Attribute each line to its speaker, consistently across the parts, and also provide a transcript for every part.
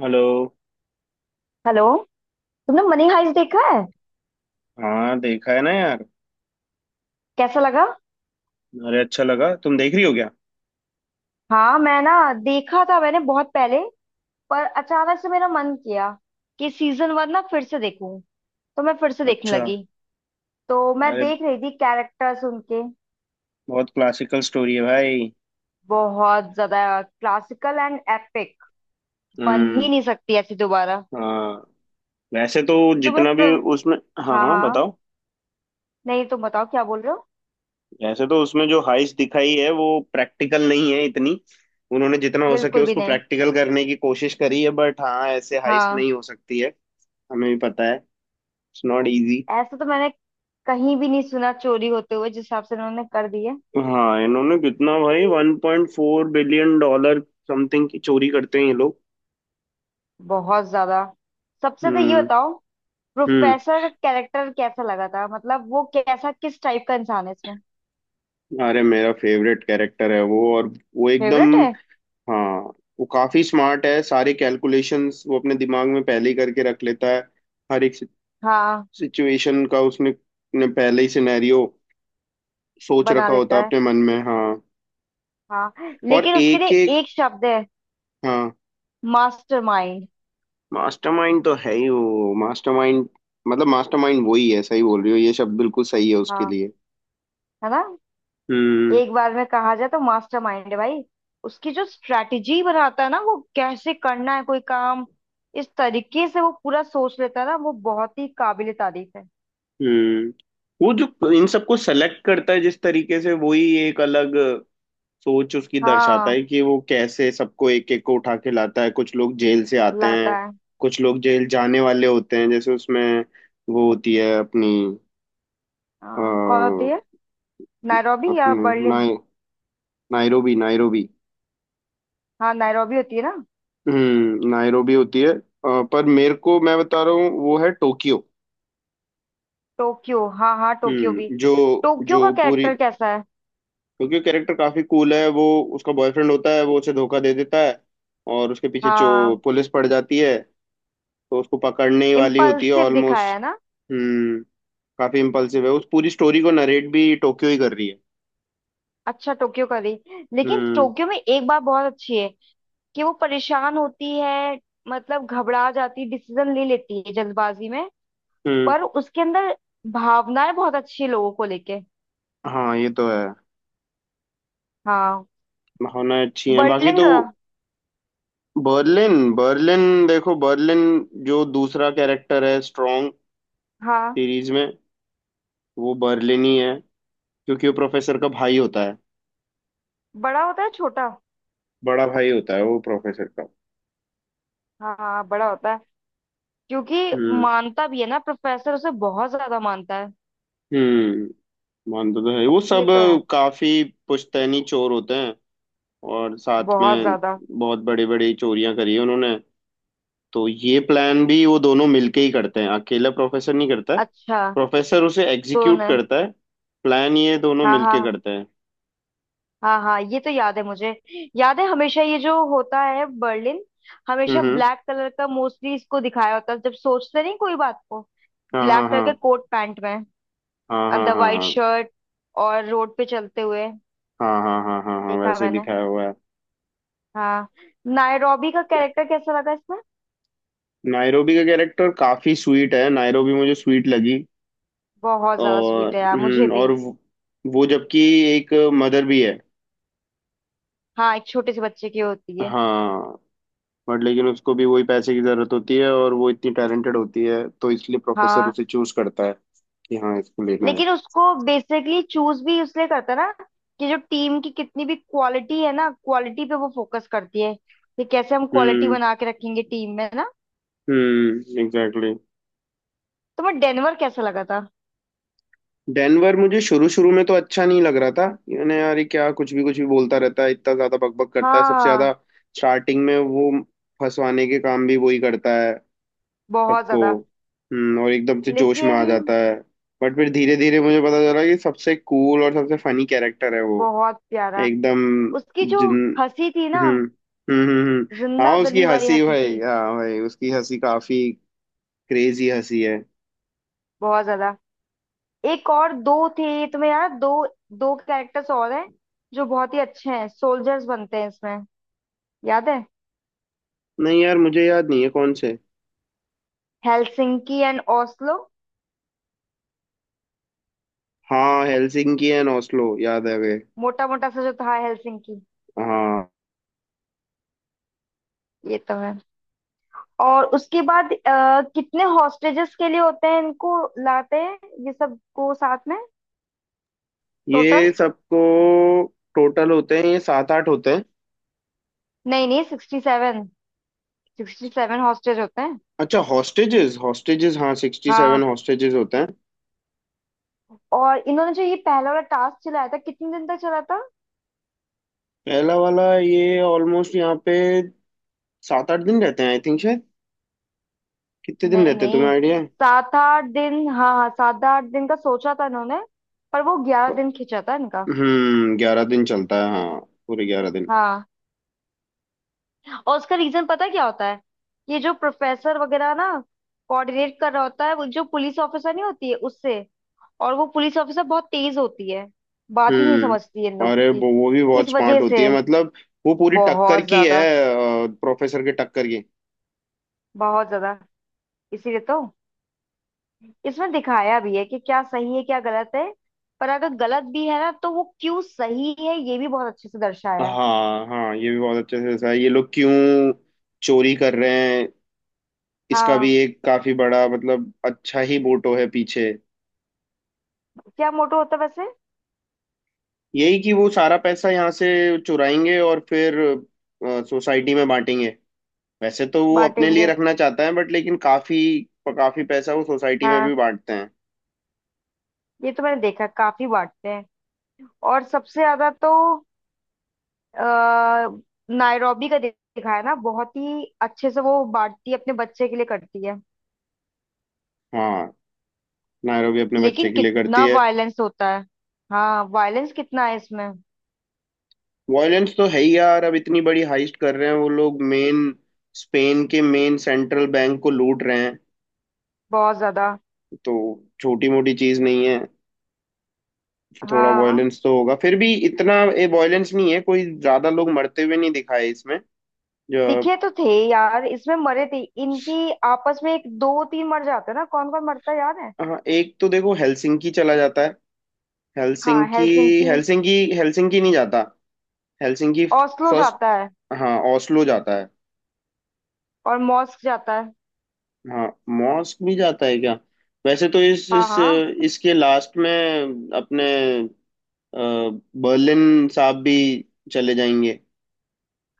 Speaker 1: Hello.
Speaker 2: Hello. तुमने Money Heist देखा है?
Speaker 1: हाँ, देखा है ना यार।
Speaker 2: कैसा लगा?
Speaker 1: अरे, अच्छा लगा। तुम देख रही हो क्या?
Speaker 2: हाँ, मैं ना देखा था मैंने बहुत पहले, पर अचानक से मेरा मन किया कि सीजन वन ना फिर से देखूं, तो मैं फिर से देखने
Speaker 1: अच्छा।
Speaker 2: लगी। तो मैं
Speaker 1: अरे,
Speaker 2: देख रही थी कैरेक्टर्स उनके।
Speaker 1: बहुत क्लासिकल स्टोरी है भाई।
Speaker 2: बहुत ज्यादा क्लासिकल एंड एपिक। बन ही
Speaker 1: हम्म।
Speaker 2: नहीं सकती ऐसी दोबारा।
Speaker 1: हाँ, वैसे तो
Speaker 2: तुम्हें
Speaker 1: जितना
Speaker 2: प्र...
Speaker 1: भी उसमें। हाँ
Speaker 2: हाँ
Speaker 1: हाँ,
Speaker 2: हाँ।
Speaker 1: बताओ।
Speaker 2: नहीं, तुम बताओ क्या बोल रहे हो।
Speaker 1: वैसे तो उसमें जो हाइस्ट दिखाई है वो प्रैक्टिकल नहीं है इतनी। उन्होंने जितना हो सके
Speaker 2: बिल्कुल भी
Speaker 1: उसको
Speaker 2: नहीं।
Speaker 1: प्रैक्टिकल करने की कोशिश करी है, बट हाँ, ऐसे हाइस्ट
Speaker 2: हाँ।
Speaker 1: नहीं हो सकती है। हमें भी पता है, इट्स नॉट इजी।
Speaker 2: ऐसा तो मैंने कहीं भी नहीं सुना, चोरी होते हुए जिस हिसाब से उन्होंने कर दी है।
Speaker 1: हाँ, इन्होंने कितना भाई, $1.4 बिलियन समथिंग की चोरी करते हैं ये लोग।
Speaker 2: बहुत ज्यादा। सबसे तो ये
Speaker 1: हम्म
Speaker 2: बताओ,
Speaker 1: हम्म।
Speaker 2: प्रोफेसर का कैरेक्टर कैसा लगा था? मतलब वो कैसा, किस टाइप का इंसान है इसमें?
Speaker 1: अरे, मेरा फेवरेट कैरेक्टर है वो। और वो एकदम।
Speaker 2: फेवरेट है।
Speaker 1: हाँ, वो काफी स्मार्ट है। सारे कैलकुलेशंस वो अपने दिमाग में पहले ही करके रख लेता है। हर एक
Speaker 2: हाँ।
Speaker 1: सिचुएशन का उसने ने पहले ही सिनेरियो सोच
Speaker 2: बना
Speaker 1: रखा होता है
Speaker 2: लेता है।
Speaker 1: अपने मन में। हाँ,
Speaker 2: हाँ,
Speaker 1: और
Speaker 2: लेकिन उसके
Speaker 1: एक
Speaker 2: लिए
Speaker 1: एक।
Speaker 2: एक शब्द है,
Speaker 1: हाँ।
Speaker 2: मास्टरमाइंड।
Speaker 1: मास्टरमाइंड तो है ही वो, मास्टरमाइंड। मतलब मास्टरमाइंड वही है। सही बोल रही हो, ये शब्द बिल्कुल सही है उसके
Speaker 2: हाँ,
Speaker 1: लिए।
Speaker 2: है ना?
Speaker 1: हम्म
Speaker 2: एक बार में कहा जाए तो मास्टरमाइंड है भाई। उसकी जो स्ट्रेटजी बनाता है ना, वो कैसे करना है कोई काम, इस तरीके से वो पूरा सोच लेता है ना, वो बहुत ही काबिले तारीफ है।
Speaker 1: हम्म, वो जो इन सबको सेलेक्ट करता है जिस तरीके से, वही एक अलग सोच उसकी दर्शाता
Speaker 2: हाँ,
Speaker 1: है कि वो कैसे सबको एक एक को उठा के लाता है। कुछ लोग जेल से आते हैं,
Speaker 2: लाता है।
Speaker 1: कुछ लोग जेल जाने वाले होते हैं। जैसे उसमें वो होती है अपनी। अ,
Speaker 2: हाँ, कौन होती है? नैरोबी या
Speaker 1: अपनी
Speaker 2: बर्लिन?
Speaker 1: Nairobi, Nairobi.
Speaker 2: हाँ, नैरोबी होती है ना।
Speaker 1: नायरोबी होती है। पर मेरे को, मैं बता रहा हूँ, वो है टोक्यो।
Speaker 2: टोक्यो, हाँ हाँ, टोक्यो भी।
Speaker 1: जो
Speaker 2: टोक्यो का
Speaker 1: जो पूरी।
Speaker 2: कैरेक्टर कैसा है?
Speaker 1: टोक्यो कैरेक्टर काफी कूल है वो। उसका बॉयफ्रेंड होता है, वो उसे धोखा दे देता है और उसके पीछे जो
Speaker 2: हाँ,
Speaker 1: पुलिस पड़ जाती है, तो उसको पकड़ने ही वाली होती है
Speaker 2: इम्पल्सिव दिखाया
Speaker 1: ऑलमोस्ट।
Speaker 2: है ना।
Speaker 1: हम्म काफी इम्पल्सिव है। उस पूरी स्टोरी को नरेट भी टोक्यो ही कर रही है।
Speaker 2: अच्छा, टोक्यो का भी। लेकिन
Speaker 1: हम्म।
Speaker 2: टोक्यो में एक बात बहुत अच्छी है कि वो परेशान होती है, मतलब घबरा जाती, डिसीजन ले लेती है जल्दबाजी में।
Speaker 1: हम्म।
Speaker 2: पर उसके अंदर भावनाएं बहुत अच्छी है लोगों को लेके।
Speaker 1: हाँ, ये तो है।
Speaker 2: हाँ।
Speaker 1: भावनाएं अच्छी हैं, बाकी
Speaker 2: बर्लिन
Speaker 1: तो।
Speaker 2: का?
Speaker 1: बर्लिन, बर्लिन देखो। बर्लिन जो दूसरा कैरेक्टर है स्ट्रॉन्ग
Speaker 2: हाँ,
Speaker 1: सीरीज में, वो बर्लिन ही है क्योंकि वो प्रोफेसर का भाई होता है।
Speaker 2: बड़ा होता है छोटा?
Speaker 1: बड़ा भाई होता है वो प्रोफेसर का।
Speaker 2: हाँ हाँ, बड़ा होता है। क्योंकि
Speaker 1: हम्म।
Speaker 2: मानता भी है ना, प्रोफेसर उसे बहुत ज्यादा मानता है।
Speaker 1: हम्म मानता तो है वो
Speaker 2: ये
Speaker 1: सब।
Speaker 2: तो है।
Speaker 1: काफी पुश्तैनी चोर होते हैं और साथ
Speaker 2: बहुत
Speaker 1: में
Speaker 2: ज्यादा।
Speaker 1: बहुत बड़ी बड़ी चोरियां करी है उन्होंने। तो ये प्लान भी वो दोनों मिलके ही करते हैं, अकेला प्रोफेसर नहीं करता है।
Speaker 2: अच्छा।
Speaker 1: प्रोफेसर उसे एग्जीक्यूट
Speaker 2: दोनों।
Speaker 1: करता है। प्लान ये दोनों
Speaker 2: हाँ
Speaker 1: मिलके
Speaker 2: हाँ।
Speaker 1: करते हैं।
Speaker 2: हाँ हाँ, ये तो याद है मुझे। याद है, हमेशा ये जो होता है बर्लिन,
Speaker 1: हम्म,
Speaker 2: हमेशा
Speaker 1: हम्म।
Speaker 2: ब्लैक कलर का मोस्टली इसको दिखाया होता है जब सोचते नहीं कोई बात को।
Speaker 1: हाँ
Speaker 2: ब्लैक
Speaker 1: हाँ
Speaker 2: कलर
Speaker 1: हाँ
Speaker 2: के कोट पैंट में,
Speaker 1: हाँ
Speaker 2: अंदर
Speaker 1: हाँ
Speaker 2: वाइट
Speaker 1: हाँ,
Speaker 2: शर्ट, और रोड पे चलते हुए।
Speaker 1: हाँ हाँ हाँ हाँ हाँ हाँ,
Speaker 2: देखा
Speaker 1: वैसे
Speaker 2: मैंने।
Speaker 1: दिखाया हुआ है।
Speaker 2: हाँ। नायरोबी का कैरेक्टर कैसा लगा इसमें?
Speaker 1: नायरोबी का कैरेक्टर काफी स्वीट है। नायरोबी मुझे स्वीट लगी।
Speaker 2: बहुत ज्यादा स्वीट है यार, मुझे भी।
Speaker 1: और वो जबकि एक मदर भी है।
Speaker 2: हाँ, एक छोटे से बच्चे की होती है।
Speaker 1: हाँ, बट लेकिन उसको भी वही पैसे की जरूरत होती है। और वो इतनी टैलेंटेड होती है तो इसलिए प्रोफेसर
Speaker 2: हाँ,
Speaker 1: उसे चूज करता है कि हाँ, इसको लेना है।
Speaker 2: लेकिन उसको बेसिकली चूज भी इसलिए करता है ना कि जो टीम की कितनी भी क्वालिटी है ना, क्वालिटी पे वो फोकस करती है कि कैसे हम क्वालिटी
Speaker 1: हम्म
Speaker 2: बना के रखेंगे टीम में ना।
Speaker 1: एग्जैक्टली।
Speaker 2: तो मैं डेनवर कैसा लगा था?
Speaker 1: डेनवर मुझे शुरू शुरू में तो अच्छा नहीं लग रहा था। यानी यार ये क्या, कुछ भी बोलता रहता है, इतना ज्यादा बकबक करता है सबसे ज्यादा।
Speaker 2: हाँ।
Speaker 1: स्टार्टिंग में वो फंसवाने के काम भी वही करता है
Speaker 2: बहुत
Speaker 1: सबको।
Speaker 2: ज्यादा।
Speaker 1: और एकदम से जोश में आ
Speaker 2: लेकिन
Speaker 1: जाता है। बट फिर धीरे धीरे मुझे पता चला कि सबसे कूल और सबसे फनी कैरेक्टर है वो।
Speaker 2: बहुत प्यारा।
Speaker 1: एकदम
Speaker 2: उसकी जो
Speaker 1: जिन।
Speaker 2: हंसी थी ना,
Speaker 1: हम्म। हम्म हम्म, हम्म। हाँ,
Speaker 2: जिंदा
Speaker 1: उसकी
Speaker 2: दिली वाली
Speaker 1: हंसी
Speaker 2: हंसी
Speaker 1: भाई,
Speaker 2: थी।
Speaker 1: हाँ भाई, उसकी हंसी काफी क्रेजी हंसी है।
Speaker 2: बहुत ज्यादा। एक और दो थे, तुम्हें याद? दो, दो कैरेक्टर्स और हैं जो बहुत ही अच्छे हैं, सोल्जर्स बनते हैं इसमें। याद है?
Speaker 1: नहीं यार, मुझे याद नहीं है कौन से।
Speaker 2: Helsinki and Oslo.
Speaker 1: हाँ, हेलसिंकी एंड ओस्लो, याद आ गए।
Speaker 2: मोटा मोटा सा जो था, हेलसिंकी।
Speaker 1: हाँ,
Speaker 2: ये तो है। और उसके बाद कितने हॉस्टेजेस के लिए होते हैं इनको, लाते हैं ये सब को साथ में?
Speaker 1: ये
Speaker 2: टोटल?
Speaker 1: सबको। टोटल होते हैं ये 7-8 होते हैं।
Speaker 2: नहीं नहीं, 67। 67 हॉस्टेज होते हैं।
Speaker 1: अच्छा, हॉस्टेजेस। हॉस्टेजेस, हाँ, 67
Speaker 2: हाँ।
Speaker 1: हॉस्टेजेस होते हैं।
Speaker 2: और इन्होंने जो ये पहला वाला टास्क चलाया था, कितने दिन तक चला था?
Speaker 1: पहला वाला ये ऑलमोस्ट यहाँ पे 7-8 दिन रहते हैं आई थिंक, शायद। कितने दिन
Speaker 2: नहीं
Speaker 1: रहते हैं तुम्हें
Speaker 2: नहीं,
Speaker 1: आइडिया है?
Speaker 2: सात आठ दिन, हाँ हाँ, सात आठ दिन का सोचा था इन्होंने, पर वो 11 दिन खींचा था इनका।
Speaker 1: हम्म, 11 दिन चलता है, हाँ, पूरे 11 दिन।
Speaker 2: हाँ। और उसका रीजन पता है क्या होता है? ये जो प्रोफेसर वगैरह ना, कोऑर्डिनेट कर रहा होता है वो जो पुलिस ऑफिसर नहीं होती है उससे, और वो पुलिस ऑफिसर बहुत तेज होती है, बात ही नहीं समझती है इन लोगों
Speaker 1: अरे,
Speaker 2: की।
Speaker 1: वो भी
Speaker 2: इस
Speaker 1: बहुत स्मार्ट
Speaker 2: वजह
Speaker 1: होती
Speaker 2: से।
Speaker 1: है मतलब। वो पूरी टक्कर
Speaker 2: बहुत
Speaker 1: की है,
Speaker 2: ज्यादा।
Speaker 1: प्रोफेसर के टक्कर की।
Speaker 2: बहुत ज्यादा। इसीलिए तो इसमें दिखाया भी है कि क्या सही है, क्या गलत है। पर अगर गलत भी है ना, तो वो क्यों सही है, ये भी बहुत अच्छे से दर्शाया है।
Speaker 1: हाँ हाँ, ये भी बहुत अच्छे से दर्शाया है। ये लोग क्यों चोरी कर रहे हैं, इसका भी
Speaker 2: हाँ।
Speaker 1: एक काफी बड़ा, मतलब अच्छा ही मोटो है पीछे।
Speaker 2: क्या मोटो होता है वैसे?
Speaker 1: यही कि वो सारा पैसा यहाँ से चुराएंगे और फिर सोसाइटी में बांटेंगे। वैसे तो वो अपने लिए
Speaker 2: बांटेंगे।
Speaker 1: रखना चाहता है बट लेकिन काफी काफी पैसा वो सोसाइटी में
Speaker 2: हाँ,
Speaker 1: भी बांटते हैं।
Speaker 2: ये तो मैंने देखा, काफी बांटते हैं। और सबसे ज्यादा तो आ, नायरोबी का दिखाया ना बहुत ही अच्छे से, वो बांटती है, अपने बच्चे के लिए करती है।
Speaker 1: हाँ, नायरो भी अपने
Speaker 2: लेकिन
Speaker 1: बच्चे के लिए
Speaker 2: कितना
Speaker 1: करती है।
Speaker 2: वायलेंस होता है। हाँ, वायलेंस कितना है इसमें।
Speaker 1: वायलेंस तो है ही यार, अब इतनी बड़ी हाइस्ट कर रहे हैं वो लोग, मेन स्पेन के मेन सेंट्रल बैंक को लूट रहे हैं
Speaker 2: बहुत ज्यादा।
Speaker 1: तो छोटी मोटी चीज नहीं है। थोड़ा
Speaker 2: हाँ
Speaker 1: वायलेंस तो होगा, फिर भी इतना ये वायलेंस नहीं है, कोई ज्यादा लोग मरते हुए नहीं दिखाए इसमें जो।
Speaker 2: दिखे तो थे। यार इसमें मरे थे इनकी आपस में, एक दो तीन मर जाते हैं ना, कौन कौन मरता है याद है?
Speaker 1: हाँ एक तो देखो हेलसिंकी चला जाता है।
Speaker 2: हाँ,
Speaker 1: हेलसिंकी
Speaker 2: हेलसिंकी,
Speaker 1: हेलसिंकी हेलसिंकी नहीं जाता। Helsinki
Speaker 2: Oslo
Speaker 1: first.
Speaker 2: जाता है,
Speaker 1: हाँ, ओस्लो जाता है।
Speaker 2: और मॉस्क जाता है।
Speaker 1: हाँ, मॉस्क भी जाता है क्या? वैसे तो इस,
Speaker 2: हाँ
Speaker 1: इस
Speaker 2: हाँ
Speaker 1: इसके लास्ट में अपने अ, बर्लिन साहब भी चले जाएंगे।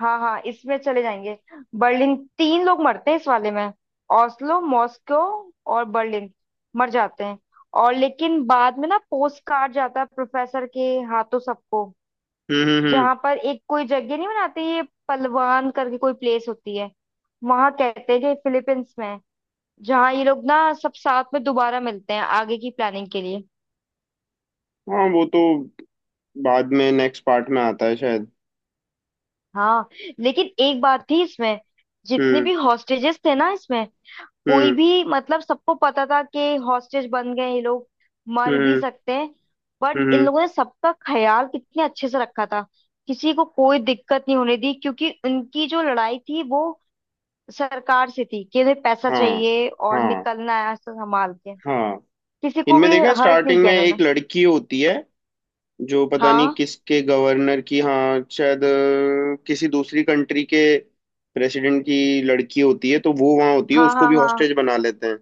Speaker 2: हाँ। हाँ, इसमें चले जाएंगे। बर्लिन, तीन लोग मरते हैं इस वाले में। ओस्लो, मॉस्को और बर्लिन मर जाते हैं। और लेकिन बाद में ना पोस्ट कार्ड जाता है प्रोफेसर के हाथों सबको,
Speaker 1: हम्म, हम्म, हम्म।
Speaker 2: जहां पर एक कोई जगह नहीं बनाती ये, पलवान करके कोई प्लेस होती है, वहां कहते हैं कि फिलीपींस में है, जहाँ ये लोग ना सब साथ में दोबारा मिलते हैं आगे की प्लानिंग के लिए।
Speaker 1: हाँ, वो तो बाद में नेक्स्ट पार्ट में आता है शायद।
Speaker 2: हाँ। लेकिन एक बात थी इसमें, जितने
Speaker 1: हम्म।
Speaker 2: भी हॉस्टेजेस थे ना इसमें, कोई
Speaker 1: हम्म।
Speaker 2: भी मतलब सबको पता था कि हॉस्टेज बन गए ये लोग, मर भी
Speaker 1: हम्म,
Speaker 2: सकते हैं, बट इन
Speaker 1: हम्म।
Speaker 2: लोगों ने सबका ख्याल कितने अच्छे से रखा था, किसी को कोई दिक्कत नहीं होने दी, क्योंकि उनकी जो लड़ाई थी वो सरकार से थी कि उन्हें पैसा
Speaker 1: हाँ
Speaker 2: चाहिए और
Speaker 1: हाँ
Speaker 2: निकलना है ऐसा संभाल के,
Speaker 1: हाँ।
Speaker 2: किसी को
Speaker 1: इनमें
Speaker 2: भी
Speaker 1: देखा,
Speaker 2: हर्ट नहीं
Speaker 1: स्टार्टिंग में
Speaker 2: किया इन्होंने।
Speaker 1: एक लड़की होती है जो पता नहीं
Speaker 2: हाँ
Speaker 1: किसके गवर्नर की, हाँ शायद किसी दूसरी कंट्री के प्रेसिडेंट की लड़की होती है। तो वो वहाँ होती है,
Speaker 2: हाँ
Speaker 1: उसको
Speaker 2: हाँ।
Speaker 1: भी
Speaker 2: हाँ।
Speaker 1: हॉस्टेज बना लेते हैं।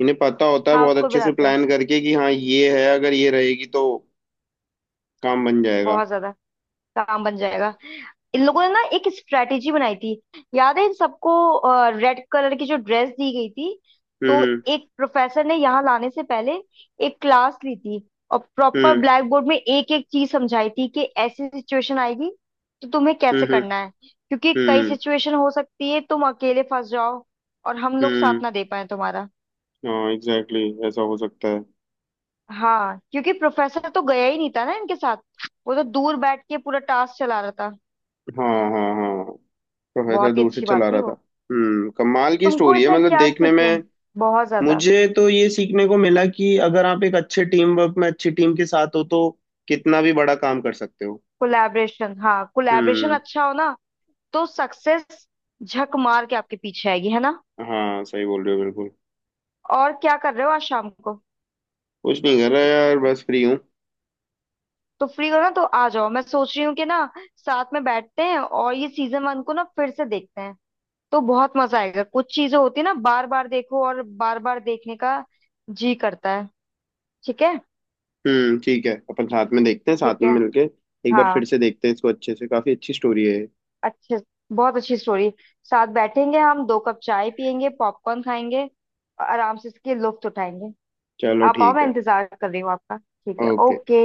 Speaker 1: इन्हें पता होता है,
Speaker 2: हाँ,
Speaker 1: बहुत
Speaker 2: उसको भी
Speaker 1: अच्छे से
Speaker 2: रहता है।
Speaker 1: प्लान करके कि हाँ, ये है, अगर ये रहेगी तो काम बन जाएगा।
Speaker 2: बहुत ज्यादा। काम बन जाएगा। इन लोगों ने ना एक स्ट्रेटेजी बनाई थी। याद है, इन सबको रेड कलर की जो ड्रेस दी गई थी, तो
Speaker 1: हम्म
Speaker 2: एक प्रोफेसर ने यहाँ लाने से पहले एक क्लास ली थी, और प्रॉपर
Speaker 1: हम्म
Speaker 2: ब्लैक बोर्ड में एक एक चीज समझाई थी कि ऐसी सिचुएशन आएगी, तो तुम्हें
Speaker 1: हम्म,
Speaker 2: कैसे
Speaker 1: हम्म,
Speaker 2: करना है, क्योंकि कई
Speaker 1: हम्म।
Speaker 2: सिचुएशन हो सकती है, तुम अकेले फंस जाओ और हम लोग साथ
Speaker 1: हम्म।
Speaker 2: ना दे पाए तुम्हारा।
Speaker 1: हाँ एग्जैक्टली exactly, ऐसा हो सकता है।
Speaker 2: हाँ, क्योंकि प्रोफेसर तो गया ही नहीं था ना इनके साथ, वो तो दूर बैठ के पूरा टास्क चला रहा था।
Speaker 1: हाँ हाँ हाँ, प्रोफेसर
Speaker 2: बहुत ही
Speaker 1: दूर से
Speaker 2: अच्छी बात
Speaker 1: चला
Speaker 2: थी
Speaker 1: रहा था।
Speaker 2: वो।
Speaker 1: हम्म, कमाल की
Speaker 2: तुमको
Speaker 1: स्टोरी है
Speaker 2: इसमें
Speaker 1: मतलब
Speaker 2: क्या
Speaker 1: देखने
Speaker 2: सीखना है?
Speaker 1: में।
Speaker 2: बहुत ज्यादा।
Speaker 1: मुझे तो ये सीखने को मिला कि अगर आप एक अच्छे टीम वर्क में अच्छी टीम के साथ हो तो कितना भी बड़ा काम कर सकते हो।
Speaker 2: कोलैबोरेशन, हाँ, कोलैबोरेशन
Speaker 1: हम्म।
Speaker 2: अच्छा हो ना, तो सक्सेस झक मार के आपके पीछे आएगी, है ना?
Speaker 1: हाँ सही बोल रहे हो बिल्कुल।
Speaker 2: और क्या कर रहे हो आज शाम को?
Speaker 1: कुछ नहीं कर रहा यार, बस फ्री हूँ।
Speaker 2: तो फ्री हो ना, तो आ जाओ, मैं सोच रही हूँ कि ना साथ में बैठते हैं और ये सीजन वन को ना फिर से देखते हैं, तो बहुत मजा आएगा। कुछ चीजें होती है ना, बार बार देखो और बार बार देखने का जी करता है। ठीक है?
Speaker 1: हम्म, ठीक है, अपन साथ में देखते हैं, साथ
Speaker 2: ठीक है।
Speaker 1: में मिलके एक बार
Speaker 2: हाँ,
Speaker 1: फिर से देखते हैं इसको अच्छे से। काफी अच्छी स्टोरी है ये।
Speaker 2: अच्छे, बहुत अच्छी स्टोरी। साथ बैठेंगे, हम दो कप चाय पियेंगे, पॉपकॉर्न खाएंगे और आराम से इसके लुत्फ उठाएंगे।
Speaker 1: चलो
Speaker 2: आप आओ,
Speaker 1: ठीक
Speaker 2: मैं
Speaker 1: है।
Speaker 2: इंतजार कर रही हूँ आपका। ठीक है?
Speaker 1: ओके।
Speaker 2: ओके।